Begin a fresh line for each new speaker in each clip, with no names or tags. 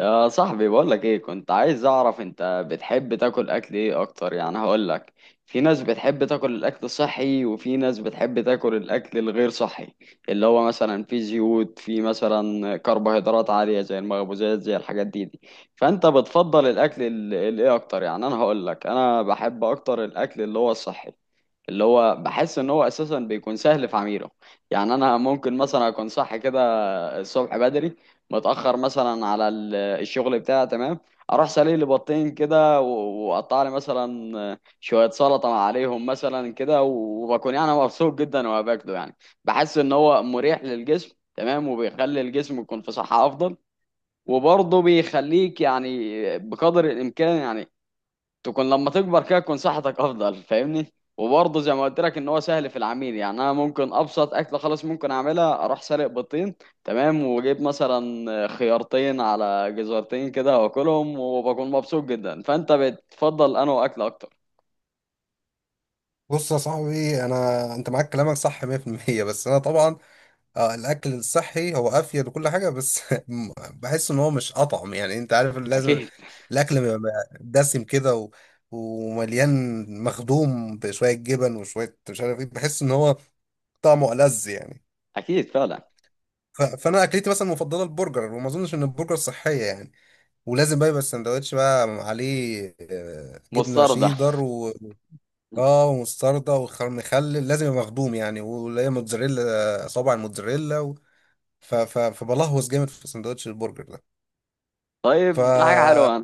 يا صاحبي، بقولك ايه، كنت عايز اعرف انت بتحب تاكل اكل ايه اكتر، يعني هقولك. في ناس بتحب تاكل الاكل الصحي، وفي ناس بتحب تاكل الاكل الغير صحي، اللي هو مثلا فيه زيوت، فيه مثلا كربوهيدرات عالية، زي المخبوزات، زي الحاجات دي. فانت بتفضل الاكل الايه اكتر، يعني انا هقولك انا بحب اكتر الاكل اللي هو الصحي. اللي هو بحس ان هو اساسا بيكون سهل في عميله. يعني انا ممكن مثلا اكون صح كده، الصبح بدري، متأخر مثلا على الشغل بتاعي، تمام. اروح سالي لي بطين كده، واقطع لي مثلا شوية سلطة عليهم مثلا كده، وبكون يعني مبسوط جدا وانا باكله، يعني بحس ان هو مريح للجسم، تمام، وبيخلي الجسم يكون في صحة افضل. وبرضه بيخليك يعني، بقدر الامكان يعني، تكون لما تكبر كده تكون صحتك افضل، فاهمني؟ وبرضه زي ما قلت لك ان هو سهل في العميل، يعني انا ممكن ابسط اكله، خلاص ممكن اعملها، اروح سالق بيضتين، تمام، واجيب مثلا خيارتين على جزرتين كده واكلهم وبكون مبسوط جدا. فانت بتفضل انه اكل اكتر؟
بص يا صاحبي انا معاك كلامك صح 100%. بس انا طبعا الاكل الصحي هو افيد وكل حاجه بس بحس ان هو مش اطعم، يعني انت عارف اللي لازم
اكيد.
الاكل بيبقى دسم كده ومليان مخدوم بشويه جبن وشويه مش عارف ايه، بحس ان هو طعمه ألذ يعني.
اكيد فعلا.
فانا اكلتي مثلا المفضله البرجر، وما اظنش ان البرجر صحيه يعني. ولازم بقى يبقى السندوتش بقى عليه جبنه
مستردة.
شيدر، اه ومستردة ومخلل، لازم يبقى مخدوم يعني، واللي هي موتزاريلا صابع الموتزاريلا، فبلهوس جامد في سندوتش البرجر ده.
طيب، ده حاجه
ف
حلوه.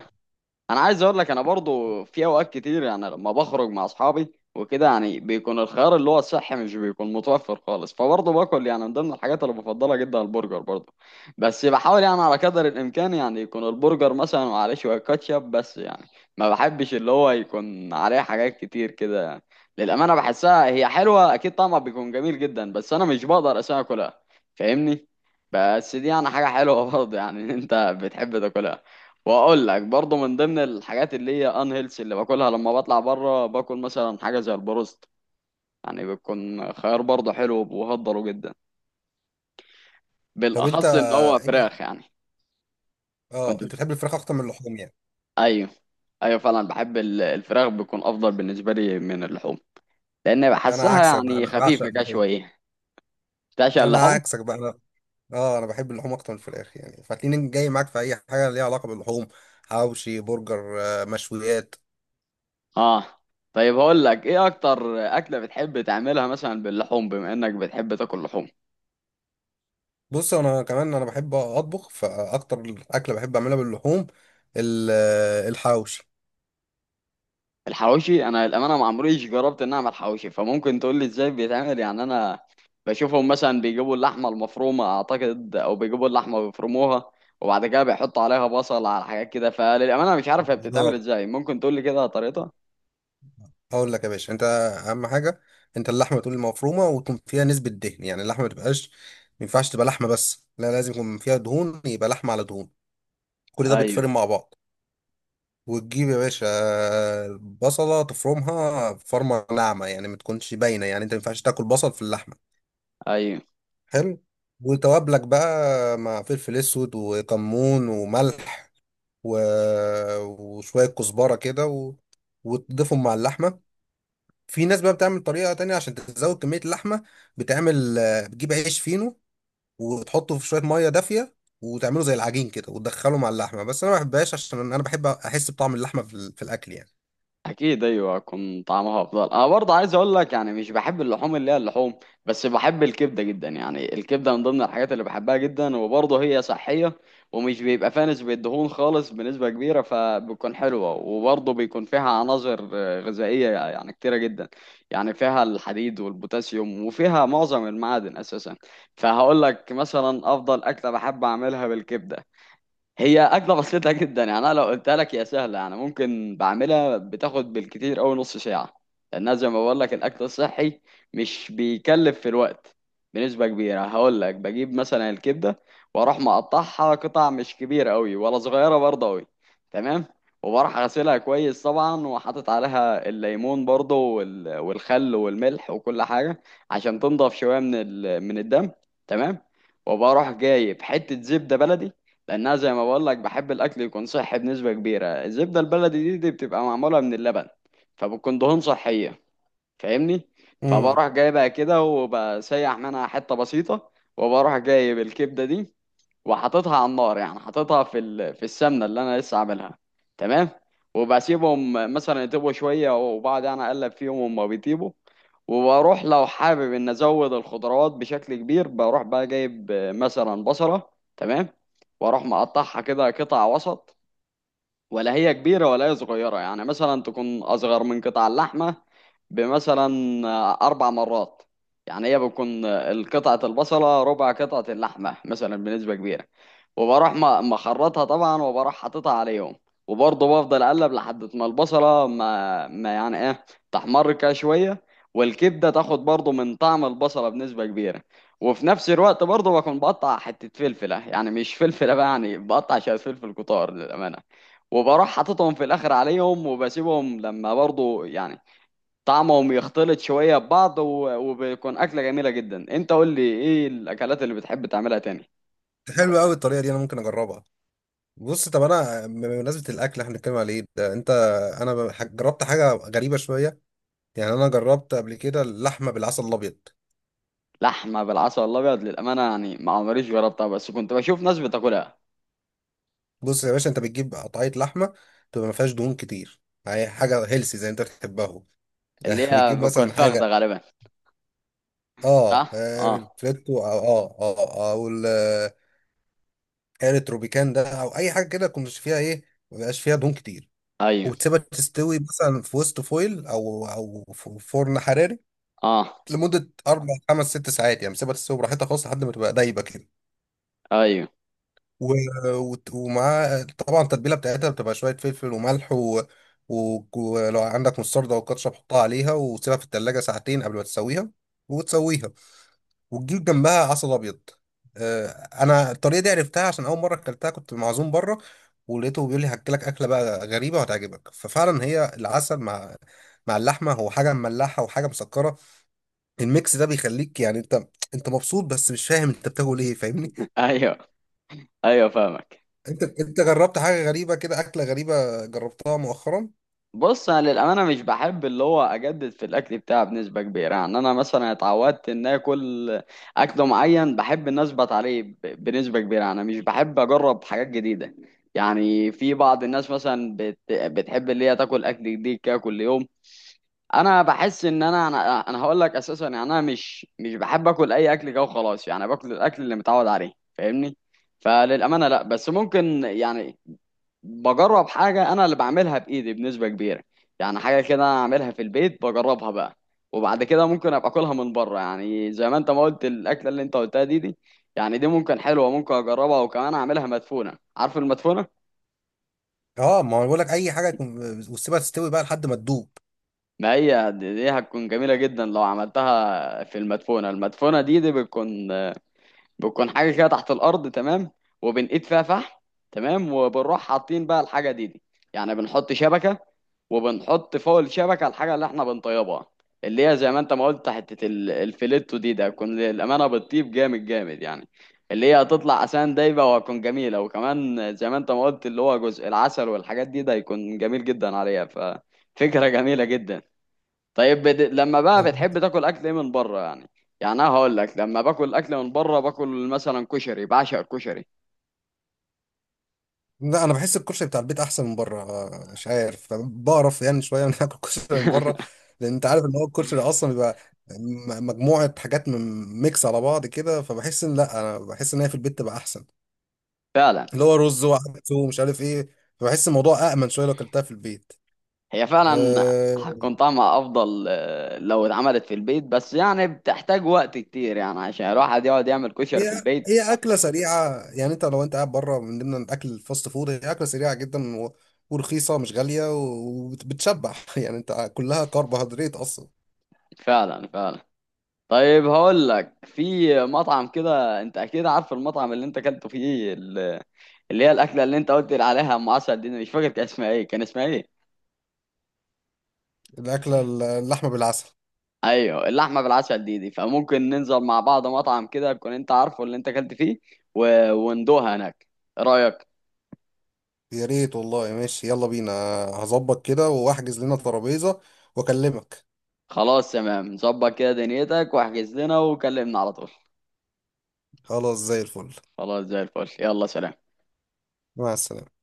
انا عايز اقول لك انا برضو في اوقات كتير، يعني لما بخرج مع اصحابي وكده، يعني بيكون الخيار اللي هو الصحي مش بيكون متوفر خالص، فبرضه باكل يعني من ضمن الحاجات اللي بفضلها جدا البرجر برضه. بس بحاول يعني على قدر الامكان يعني يكون البرجر مثلا وعليه شويه كاتشب بس، يعني ما بحبش اللي هو يكون عليه حاجات كتير كده، يعني للامانه بحسها هي حلوه، اكيد طعمها بيكون جميل جدا، بس انا مش بقدر اساسا اكلها، فاهمني؟ بس دي يعني حاجه حلوه برضه، يعني انت بتحب تاكلها. واقول لك برضه من ضمن الحاجات اللي هي ان هيلث اللي باكلها لما بطلع بره، باكل مثلا حاجه زي البروست. يعني بيكون خيار برضه حلو وبهضره جدا،
طب انت
بالاخص ان هو
ايه؟
فراخ، يعني. كنت
اه انت
بت...
بتحب الفراخ اكتر من اللحوم يعني؟
ايوه، ايوه فعلا، بحب الفراخ بيكون افضل بالنسبه لي من اللحوم، لان
ده انا
بحسها
عكسك بقى،
يعني
انا بعشق
خفيفه كده
اللحوم.
شويه. تعشق
انا
اللحوم؟
عكسك بقى انا، اه انا بحب اللحوم اكتر من الفراخ يعني، فهتلاقيني جاي معاك في اي حاجه ليها علاقه باللحوم: حواوشي، برجر، مشويات.
اه. طيب هقول لك ايه اكتر اكله بتحب تعملها مثلا باللحوم، بما انك بتحب تاكل لحوم؟
بص انا كمان انا بحب اطبخ، فاكتر اكله بحب اعملها باللحوم الحواوشي.
الحواوشي، انا للامانه ما عمريش جربت ان اعمل حواوشي، فممكن تقول لي ازاي بيتعمل؟ يعني انا بشوفهم مثلا بيجيبوا اللحمه المفرومه اعتقد، او بيجيبوا اللحمه بيفرموها، وبعد كده بيحطوا عليها بصل على حاجات كده. فللامانه مش عارف هي بتتعمل
بالظبط،
ازاي، ممكن تقول لي كده طريقتها؟
هقول لك يا باشا انت. اهم حاجه انت اللحمه تكون مفرومه ويكون فيها نسبه دهن، يعني اللحمه ما ينفعش تبقى لحمه بس، لا لازم يكون فيها دهون، يبقى لحمه على دهون. كل ده
ايوه.
بيتفرم مع بعض. وتجيب يا باشا البصله تفرمها فرمه ناعمه، يعني ما تكونش باينه، يعني انت ما ينفعش تاكل بصل في اللحمه.
ايوه.
حلو. وتوابلك بقى مع فلفل اسود وكمون وملح و... وشويه كزبره كده، وتضيفهم مع اللحمه. في ناس بقى بتعمل طريقة تانية عشان تزود كمية اللحمة، بتعمل بتجيب عيش فينو وتحطه في شوية مية دافية وتعمله زي العجين كده وتدخله مع اللحمة، بس أنا ما بحبهاش عشان أنا بحب أحس بطعم اللحمة في الأكل يعني.
اكيد. ايوه، كان طعمها افضل. انا برضه عايز اقول لك يعني مش بحب اللحوم اللي هي اللحوم، بس بحب الكبده جدا، يعني الكبده من ضمن الحاجات اللي بحبها جدا، وبرضه هي صحيه، ومش بيبقى فيها نسبه دهون خالص بنسبه كبيره، فبتكون حلوه، وبرضه بيكون فيها عناصر غذائيه يعني كتيره جدا. يعني فيها الحديد والبوتاسيوم، وفيها معظم المعادن اساسا. فهقول لك مثلا افضل اكله بحب اعملها بالكبده. هي أكلة بسيطة جدا، يعني أنا لو قلتها لك هي سهلة، يعني ممكن بعملها بتاخد بالكتير أوي نص ساعة. لأنها زي ما بقول لك الأكل الصحي مش بيكلف في الوقت بنسبة كبيرة. هقول لك بجيب مثلا الكبدة، وأروح مقطعها قطع مش كبيرة أوي ولا صغيرة برضه أوي، تمام. وبروح غسلها كويس طبعا، وحاطط عليها الليمون برضه، والخل والملح وكل حاجة، عشان تنضف شوية من الدم، تمام. وبروح جايب حتة زبدة بلدي، لانها زي ما بقول لك بحب الاكل يكون صحي بنسبه كبيره. الزبده البلدي دي بتبقى معموله من اللبن، فبتكون دهون صحيه، فاهمني؟
امم
فبروح جايبها كده وبسيح منها حته بسيطه، وبروح جايب الكبده دي، وحاططها على النار، يعني حاططها في السمنه اللي انا لسه عاملها، تمام. وبسيبهم مثلا يطيبوا شويه، وبعد انا اقلب فيهم وهم بيطيبوا. وبروح لو حابب ان ازود الخضروات بشكل كبير، بروح بقى جايب مثلا بصلة، تمام. واروح مقطعها كده قطع وسط، ولا هي كبيرة ولا هي صغيرة، يعني مثلا تكون اصغر من قطع اللحمة بمثلا اربع مرات. يعني هي بتكون قطعة البصلة ربع قطعة اللحمة مثلا بنسبة كبيرة. وبروح مخرطها طبعا، وبروح حاططها عليهم. وبرضه بفضل اقلب لحد ما البصله ما يعني ايه، تحمر كده شويه. والكبده تاخد برضه من طعم البصله بنسبه كبيره. وفي نفس الوقت برضه بكون بقطع حته فلفله، يعني مش فلفله بقى، يعني بقطع شويه فلفل كتار للامانه. وبروح حاططهم في الاخر عليهم وبسيبهم لما برضه يعني طعمهم يختلط شويه ببعض، وبيكون اكله جميله جدا. انت قول لي ايه الاكلات اللي بتحب تعملها تاني؟
حلوة أوي الطريقة دي، أنا ممكن أجربها. بص، طب أنا بمناسبة الأكل إحنا بنتكلم عليه ده أنت، أنا جربت حاجة غريبة شوية، يعني أنا جربت قبل كده اللحمة بالعسل الأبيض.
لحمه بالعسل الابيض؟ للامانه يعني ما عمريش جربتها، بس كنت بشوف ناس بتاكلها.
بص يا باشا، أنت بتجيب قطعية لحمة تبقى ما فيهاش دهون كتير، يعني حاجة هيلسي زي أنت بتحبها.
اللي هي
بتجيب
بتكون
مثلا
فاخده
حاجة،
غالبا.
اه
صح، اه.
ريتريتو او او الريتروبيكان ده او اي حاجه كده كنت فيها ايه، ما بيبقاش فيها دهون كتير.
ايوه.
وتسيبها تستوي مثلا في وسط فويل او فرن حراري
اه.
لمده اربع خمس ست ساعات، يعني سيبها تستوي براحتها خالص لحد ما تبقى دايبه كده.
ايوه.
و- ومعاها طبعا التتبيله بتاعتها، بتبقى شويه فلفل وملح ولو عندك مستردة او كاتشب حطها عليها وسيبها في التلاجة ساعتين قبل ما تسويها. وتسويها وتجيب جنبها عسل ابيض. آه، انا الطريقه دي عرفتها عشان اول مره اكلتها كنت معزوم بره، ولقيته بيقول لي هاكلك اكله بقى غريبه وهتعجبك. ففعلا هي العسل مع اللحمه، هو حاجه مملحه وحاجه مسكره، الميكس ده بيخليك يعني انت مبسوط بس مش فاهم انت بتاكل ايه، فاهمني؟
ايوه. ايوه فاهمك.
انت جربت حاجه غريبه كده، اكله غريبه جربتها مؤخرا؟
بص انا للامانه مش بحب اللي هو اجدد في الاكل بتاعي بنسبه كبيره، يعني انا مثلا اتعودت ان اكل اكل معين بحب ان اثبت عليه بنسبه كبيره، انا مش بحب اجرب حاجات جديده. يعني في بعض الناس مثلا بتحب اللي هي تاكل اكل جديد كده كل يوم. انا بحس ان أنا هقول لك اساسا، يعني انا مش بحب اكل اي اكل كده وخلاص، يعني باكل الاكل اللي متعود عليه، فاهمني؟ فللامانه لا، بس ممكن يعني بجرب حاجه انا اللي بعملها بايدي بنسبه كبيره. يعني حاجه كده انا اعملها في البيت بجربها بقى، وبعد كده ممكن ابقى اكلها من بره، يعني زي ما انت ما قلت الاكله اللي انت قلتها دي. يعني دي ممكن حلوه، ممكن اجربها، وكمان اعملها مدفونه، عارف المدفونه؟
اه ما هو بقول لك اي وتسيبها تستوي بقى لحد ما تدوب.
ما هي دي هتكون جميلة جدا لو عملتها في المدفونة، المدفونة دي بتكون حاجه كده تحت الارض، تمام. وبنقيد فيها فحم، تمام، وبنروح حاطين بقى الحاجه دي، يعني بنحط شبكه، وبنحط فوق الشبكه الحاجه اللي احنا بنطيبها، اللي هي زي ما انت ما قلت حته الفيليتو دي، ده هتكون للامانه بتطيب جامد جامد، يعني اللي هي هتطلع اسان دايبه وهتكون جميله، وكمان زي ما انت ما قلت اللي هو جزء العسل والحاجات دي، ده هيكون جميل جدا عليها، ففكره جميله جدا. طيب، لما بقى بتحب تاكل اكل ايه من بره، يعني. يعني انا هقول لك لما باكل اكل من بره باكل مثلا كشري، بعشق الكشري.
لا انا بحس الكشري بتاع البيت احسن من بره، مش عارف، بعرف يعني شويه ان اكل كشري من بره، لان انت عارف ان هو الكشري اصلا بيبقى مجموعه حاجات، من ميكس على بعض كده، فبحس ان، لا انا بحس ان هي في البيت تبقى احسن،
فعلا.
اللي هو رز وعدس ومش عارف ايه، فبحس الموضوع امن شويه لو اكلتها في البيت.
هي فعلا
أه
هتكون طعمها افضل لو اتعملت في البيت، بس يعني بتحتاج وقت كتير، يعني عشان الواحد يقعد يعمل كشري في
هي
البيت.
هي اكله سريعه، يعني انت لو انت قاعد بره من ضمن الاكل الفاست فود هي اكله سريعه جدا ورخيصه مش غاليه وبتشبع، يعني انت كلها كربوهيدرات اصلا.
فعلا. فعلا. طيب، هقول لك في مطعم كده انت اكيد عارف المطعم اللي انت اكلته فيه اللي هي الاكله اللي انت قلت لي عليها ام عسل دي، أنا مش فاكر كان اسمها ايه، كان اسمها ايه؟
الأكلة اللحمة بالعسل.
ايوه، اللحمه بالعسل دي، فممكن ننزل مع بعض مطعم كده تكون انت عارفه اللي انت اكلت فيه، وندوها هناك، ايه رايك؟
يا ريت والله، ماشي يلا بينا، هظبط كده وأحجز لنا ترابيزة وأكلمك.
خلاص، تمام، ظبط كده دنيتك واحجز لنا وكلمنا على طول.
خلاص زي الفل.
خلاص، زي الفل، يلا سلام.
مع السلامة.